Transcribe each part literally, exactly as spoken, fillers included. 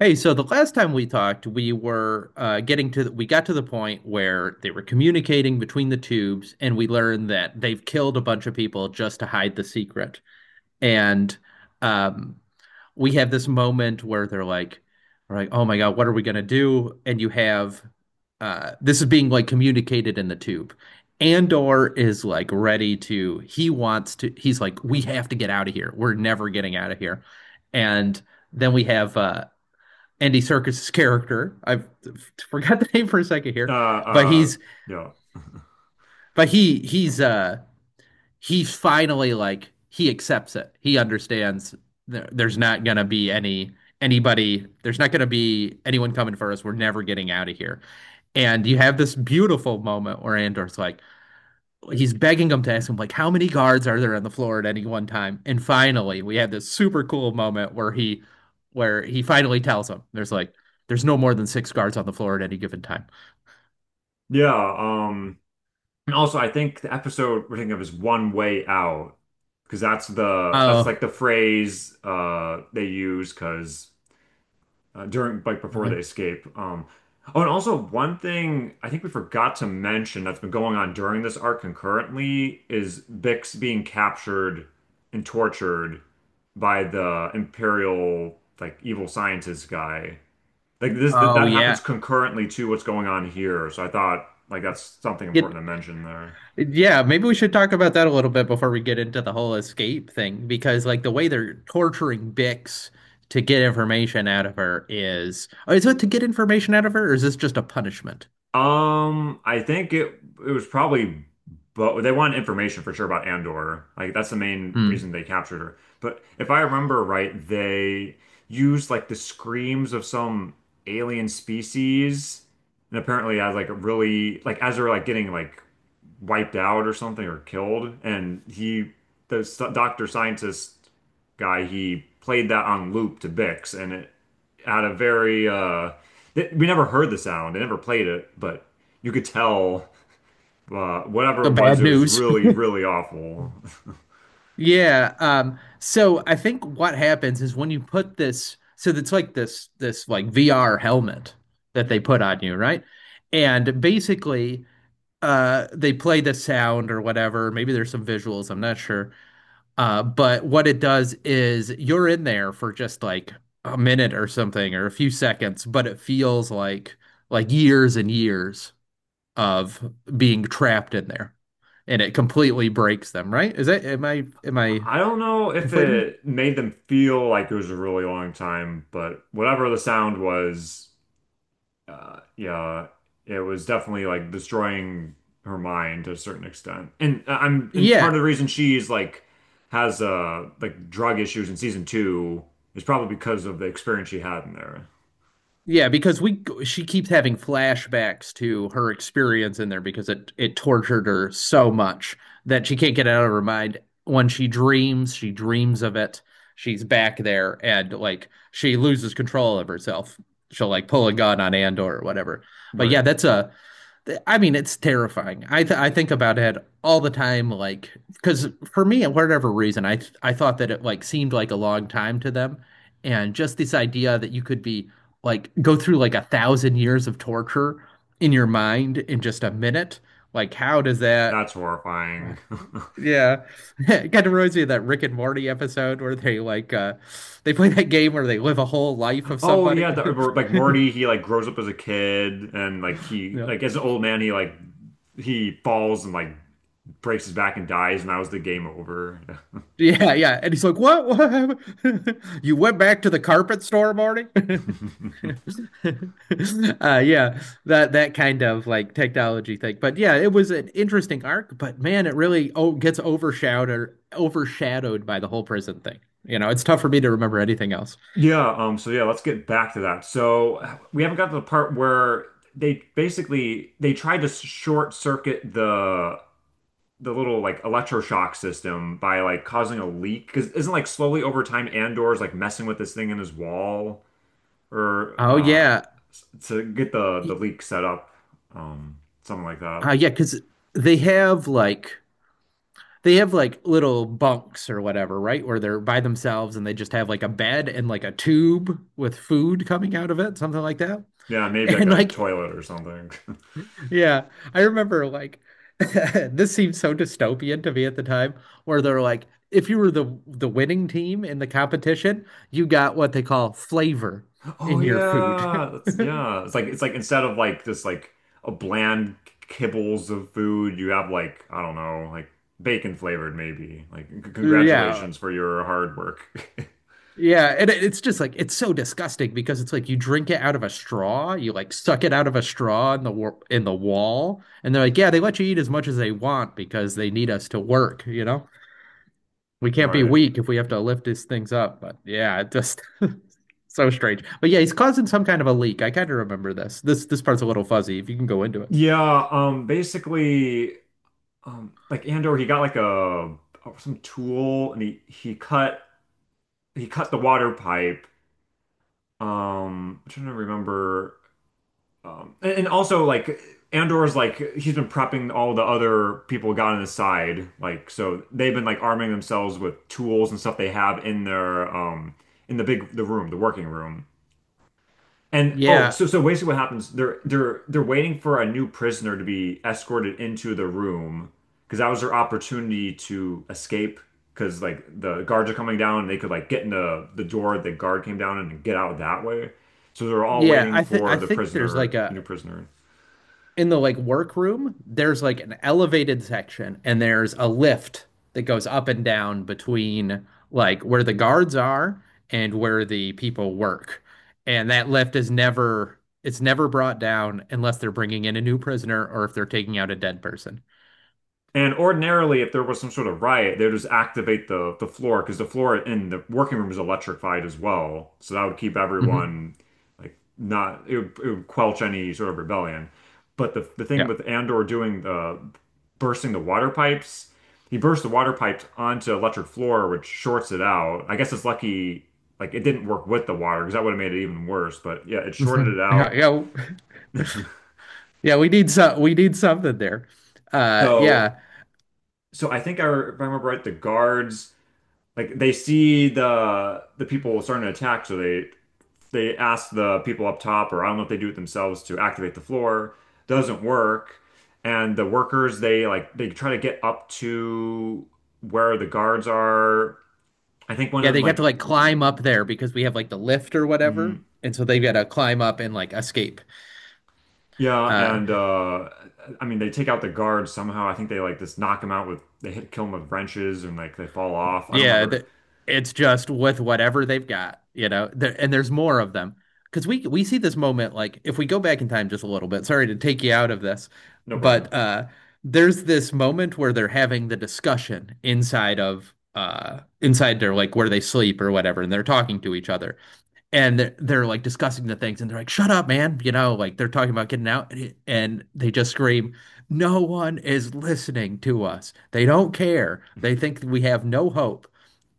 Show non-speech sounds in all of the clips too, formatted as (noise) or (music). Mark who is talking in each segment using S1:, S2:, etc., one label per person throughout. S1: Hey, so the last time we talked, we were uh, getting to the, we got to the point where they were communicating between the tubes, and we learned that they've killed a bunch of people just to hide the secret. And um, we have this moment where they're like, we're like, oh my God, what are we gonna do? And you have uh, this is being like communicated in the tube. Andor is like ready to, he wants to, he's like, we have to get out of here. We're never getting out of here. And then we have uh Andy Serkis's character. I forgot (laughs) the name for a second
S2: Uh,
S1: here, but
S2: uh,
S1: he's
S2: yeah,
S1: but he he's uh he finally like he accepts it. He understands there, there's not gonna be any anybody. There's not gonna be anyone coming for us. We're never getting out of here. And you have this beautiful moment where Andor's like, he's begging him to ask him like how many guards are there on the floor at any one time. And finally we had this super cool moment where he where he finally tells him there's like there's no more than six guards on the floor at any given time.
S2: yeah. Um, and also, I think the episode we're thinking of is One Way Out because that's the that's
S1: Oh,
S2: like the phrase uh they use because uh, during like before they
S1: really?
S2: escape. Um, oh, and also one thing I think we forgot to mention that's been going on during this arc concurrently is Bix being captured and tortured by the Imperial like evil scientist guy. Like this that,
S1: Oh,
S2: that happens
S1: yeah.
S2: concurrently to what's going on here. So I thought like that's something
S1: it
S2: important to mention there.
S1: Yeah, maybe we should talk about that a little bit before we get into the whole escape thing, because like the way they're torturing Bix to get information out of her is, oh, is it to get information out of her or is this just a punishment?
S2: Um, I think it it was probably, but they wanted information for sure about Andor. Like that's the main reason
S1: Hmm.
S2: they captured her. But if I remember right, they used like the screams of some alien species and apparently as like really like as they're like getting like wiped out or something or killed. And he, the s- doctor scientist guy, he played that on loop to Bix, and it had a very uh, th- we never heard the sound. They never played it, but you could tell uh, whatever
S1: The
S2: it was,
S1: bad
S2: it was
S1: news.
S2: really, really awful.
S1: (laughs)
S2: (laughs)
S1: Yeah, um, so I think what happens is when you put this, so it's like this this like V R helmet that they put on you, right? And basically, uh, they play the sound or whatever. Maybe there's some visuals, I'm not sure. Uh, but what it does is you're in there for just like a minute or something or a few seconds, but it feels like like years and years of being trapped in there, and it completely breaks them, right? Is that, am I am I
S2: I don't know if
S1: conflating?
S2: it made them feel like it was a really long time, but whatever the sound was, Uh, yeah, it was definitely like destroying her mind to a certain extent. And uh, I'm and part
S1: Yeah,
S2: of the reason she's like has uh like drug issues in season two is probably because of the experience she had in there.
S1: yeah, because we she keeps having flashbacks to her experience in there because it it tortured her so much that she can't get it out of her mind. When she dreams, she dreams of it. She's back there and like she loses control of herself. She'll like pull a gun on Andor or whatever. But yeah,
S2: Right.
S1: that's a, I mean, it's terrifying. I th I think about it all the time, like because for me, for whatever reason, I th I thought that it like seemed like a long time to them, and just this idea that you could be like go through like a thousand years of torture in your mind in just a minute, like how does that?
S2: That's horrifying. (laughs)
S1: Yeah, (laughs) it kind of reminds me of that Rick and Morty episode where they like uh they play that game where they live a whole life of
S2: Oh
S1: somebody.
S2: yeah, the,
S1: (laughs)
S2: like Morty, he like grows up as a kid and like he
S1: Yeah.
S2: like as an old man he like he falls and like breaks his back and dies, and that was the game over.
S1: Yeah, yeah. And he's like, "What? What happened? (laughs) You went back to the carpet store, Marty?" (laughs)
S2: (laughs)
S1: Uh, yeah, that that kind of like technology thing. But yeah, it was an interesting arc, but man, it really oh gets overshadowed overshadowed by the whole prison thing. You know, it's tough for me to remember anything else.
S2: Yeah, um, so yeah, let's get back to that. So
S1: Mm.
S2: we haven't got to the part where they basically they tried to short circuit the the little like electroshock system by like causing a leak because isn't like slowly over time Andor's like messing with this thing in his wall or
S1: Oh
S2: uh
S1: yeah.
S2: s- to get the the
S1: Y-
S2: leak set up, um something like that.
S1: Uh, yeah, 'cause they have like they have like little bunks or whatever, right? Where they're by themselves and they just have like a bed and like a tube with food coming out of it, something like that. (laughs)
S2: Yeah, maybe like
S1: And
S2: a
S1: like,
S2: toilet or something. (laughs)
S1: yeah, I remember like (laughs) this seemed so dystopian to me at the time, where they're like, if you were the the winning team in the competition, you got what they call flavor
S2: Oh
S1: in your food.
S2: yeah, that's
S1: (laughs)
S2: yeah. It's like it's like instead of like just like a bland kibbles of food, you have like I don't know, like bacon flavored maybe. Like c
S1: Yeah.
S2: congratulations for your hard work. (laughs)
S1: Yeah, and it- it's just like it's so disgusting because it's like you drink it out of a straw, you like suck it out of a straw in the wa- in the wall, and they're like, yeah, they let you eat as much as they want because they need us to work, you know? We can't be
S2: Right.
S1: weak if we have to lift these things up. But yeah, it just, so strange. But yeah, he's causing some kind of a leak. I kind of remember this. This this part's a little fuzzy if you can go into it.
S2: Yeah, um basically um like Andor he got like a some tool and he he cut he cut the water pipe. Um I'm trying to remember. Um, and, and also like Andor's like he's been prepping all the other people got on his side, like so they've been like arming themselves with tools and stuff they have in their um in the big the room, the working room. And oh,
S1: Yeah.
S2: so so basically what happens, they're they're they're waiting for a new prisoner to be escorted into the room because that was their opportunity to escape because like the guards are coming down and they could like get in the the door the guard came down and get out that way. So they're all
S1: Yeah,
S2: waiting
S1: I think I
S2: for the
S1: think there's like
S2: prisoner, the new
S1: a,
S2: prisoner.
S1: in the like workroom, there's like an elevated section and there's a lift that goes up and down between like where the guards are and where the people work. And that lift is never it's never brought down unless they're bringing in a new prisoner or if they're taking out a dead person.
S2: And ordinarily, if there was some sort of riot, they would just activate the the floor because the floor in the working room is electrified as well. So that would keep
S1: Hmm.
S2: everyone like not it would, it would quench any sort of rebellion. But the the thing
S1: Yeah.
S2: with Andor doing the bursting the water pipes, he burst the water pipes onto electric floor, which shorts it out. I guess it's lucky like it didn't work with the water because that would have made it even worse. But yeah, it shorted it
S1: Mhm. Yeah,
S2: out.
S1: yeah. Yeah, we need some we need something there. Uh,
S2: So
S1: yeah.
S2: so I think I, if I remember right, the guards like they see the the people starting to attack, so they they ask the people up top, or I don't know if they do it themselves to activate the floor. Doesn't work, and the workers they like they try to get up to where the guards are. I think one
S1: Yeah,
S2: of them
S1: they have to
S2: like.
S1: like climb up there because we have like the lift or whatever.
S2: Mhm.
S1: And so they've got to climb up and like escape.
S2: yeah,
S1: Uh
S2: and uh I mean they take out the guards somehow. I think they like just knock them out with they hit kill them with wrenches and like they fall off. I don't
S1: yeah,
S2: remember.
S1: th it's just with whatever they've got, you know. There, and there's more of them. Because we we see this moment, like if we go back in time just a little bit, sorry to take you out of this,
S2: No problem.
S1: but uh there's this moment where they're having the discussion inside of uh inside their like where they sleep or whatever and they're talking to each other and they're, they're like discussing the things and they're like shut up man, you know, like they're talking about getting out. And it- and they just scream, no one is listening to us, they don't care, they think we have no hope.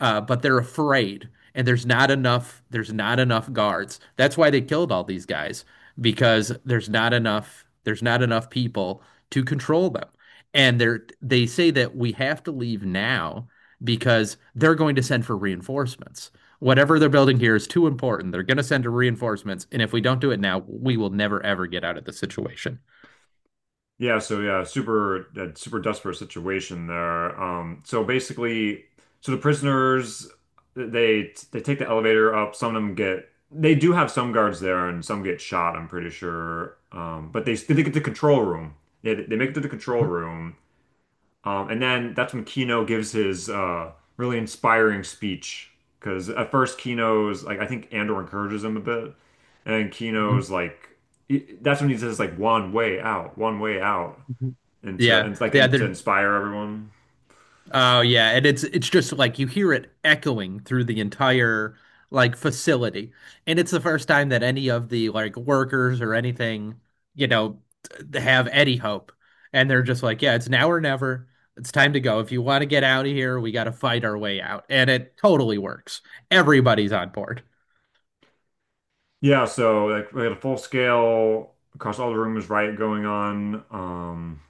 S1: uh, But they're afraid, and there's not enough there's not enough guards. That's why they killed all these guys, because there's not enough there's not enough people to control them. And they're they say that we have to leave now because they're going to send for reinforcements. Whatever they're building here is too important. They're going to send reinforcements, and if we don't do it now, we will never ever get out of the situation.
S2: Yeah, so yeah, super uh, super desperate situation there. Um, so basically, so the prisoners they they take the elevator up. Some of them get they do have some guards there, and some get shot. I'm pretty sure. Um, but they they get to the control room. They they make it to the control
S1: Mhm,
S2: room, um, and then that's when Kino gives his uh, really inspiring speech. Because at first Kino's like I think Andor encourages him a bit, and
S1: mhm,
S2: Kino's like he- that's when he says like one way out, one way out
S1: mhm.
S2: and to
S1: Yeah,
S2: and like
S1: yeah,
S2: and to
S1: they're
S2: inspire everyone.
S1: oh yeah, and it's it's just like you hear it echoing through the entire like facility. And it's the first time that any of the like workers or anything, you know, t- have any hope. And they're just like, yeah, it's now or never. It's time to go. If you want to get out of here, we got to fight our way out. And it totally works. Everybody's on board.
S2: Yeah, so like we had a full scale across all the rooms riot going on. Um,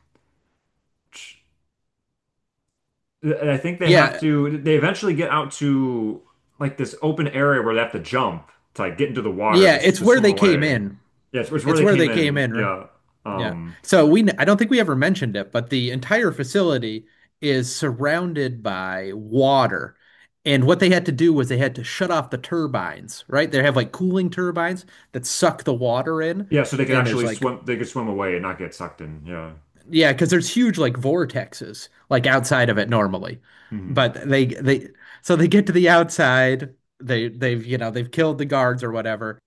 S2: I think they have
S1: Yeah.
S2: to. They eventually get out to like this open area where they have to jump to like get into the water to,
S1: Yeah,
S2: s-
S1: it's
S2: to
S1: where
S2: swim
S1: they came
S2: away.
S1: in.
S2: Yeah, it's, it's where
S1: It's
S2: they
S1: where
S2: came
S1: they came
S2: in.
S1: in.
S2: Yeah.
S1: Yeah.
S2: Um,
S1: So we, I don't think we ever mentioned it, but the entire facility is surrounded by water. And what they had to do was they had to shut off the turbines, right? They have like cooling turbines that suck the water in,
S2: yeah, so they could
S1: and there's
S2: actually
S1: like,
S2: swim. They could swim away and not get sucked in. Yeah.
S1: yeah, because there's huge like vortexes like outside of it normally,
S2: hmm
S1: but they they so they get to the outside. They they've, you know, they've killed the guards or whatever,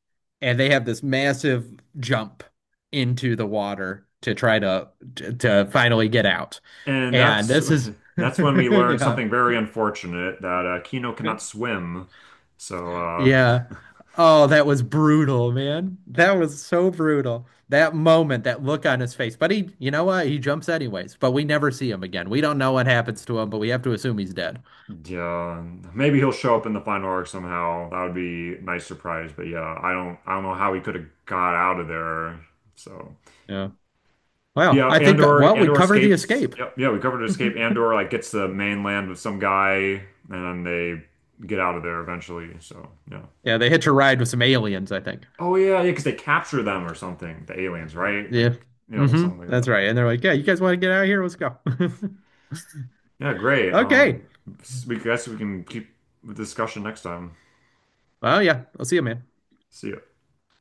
S1: and they have this massive jump into the water to try to to, to finally get out.
S2: And
S1: And
S2: that's
S1: this is
S2: (laughs) that's when we
S1: (laughs)
S2: learned
S1: yeah.
S2: something very unfortunate that uh, Kino cannot swim. So uh,
S1: Yeah.
S2: (laughs)
S1: Oh, that was brutal, man. That was so brutal. That moment, that look on his face. But he, you know what? He jumps anyways, but we never see him again. We don't know what happens to him, but we have to assume he's dead.
S2: Yeah, maybe he'll show up in the final arc somehow. That would be a nice surprise. But yeah, I don't, I don't know how he could have got out of there. So
S1: Yeah. Well,
S2: yeah,
S1: I think, uh,
S2: Andor,
S1: well, we
S2: Andor
S1: covered the
S2: escapes.
S1: escape.
S2: Yep, yeah, we covered escape. Andor like gets to the mainland with some guy, and they get out of there eventually. So yeah.
S1: Yeah, they hitch a ride with some aliens, I think.
S2: Oh yeah, yeah, because they capture them or something. The aliens, right?
S1: Yeah.
S2: Like yeah,
S1: Mm-hmm.
S2: something
S1: That's
S2: like that.
S1: right. And they're like, yeah, you guys want to get out of here? Let's go. (laughs)
S2: Yeah, great.
S1: Okay.
S2: Um, we guess we can keep the discussion next time.
S1: Well, yeah, I'll see you, man.
S2: See ya.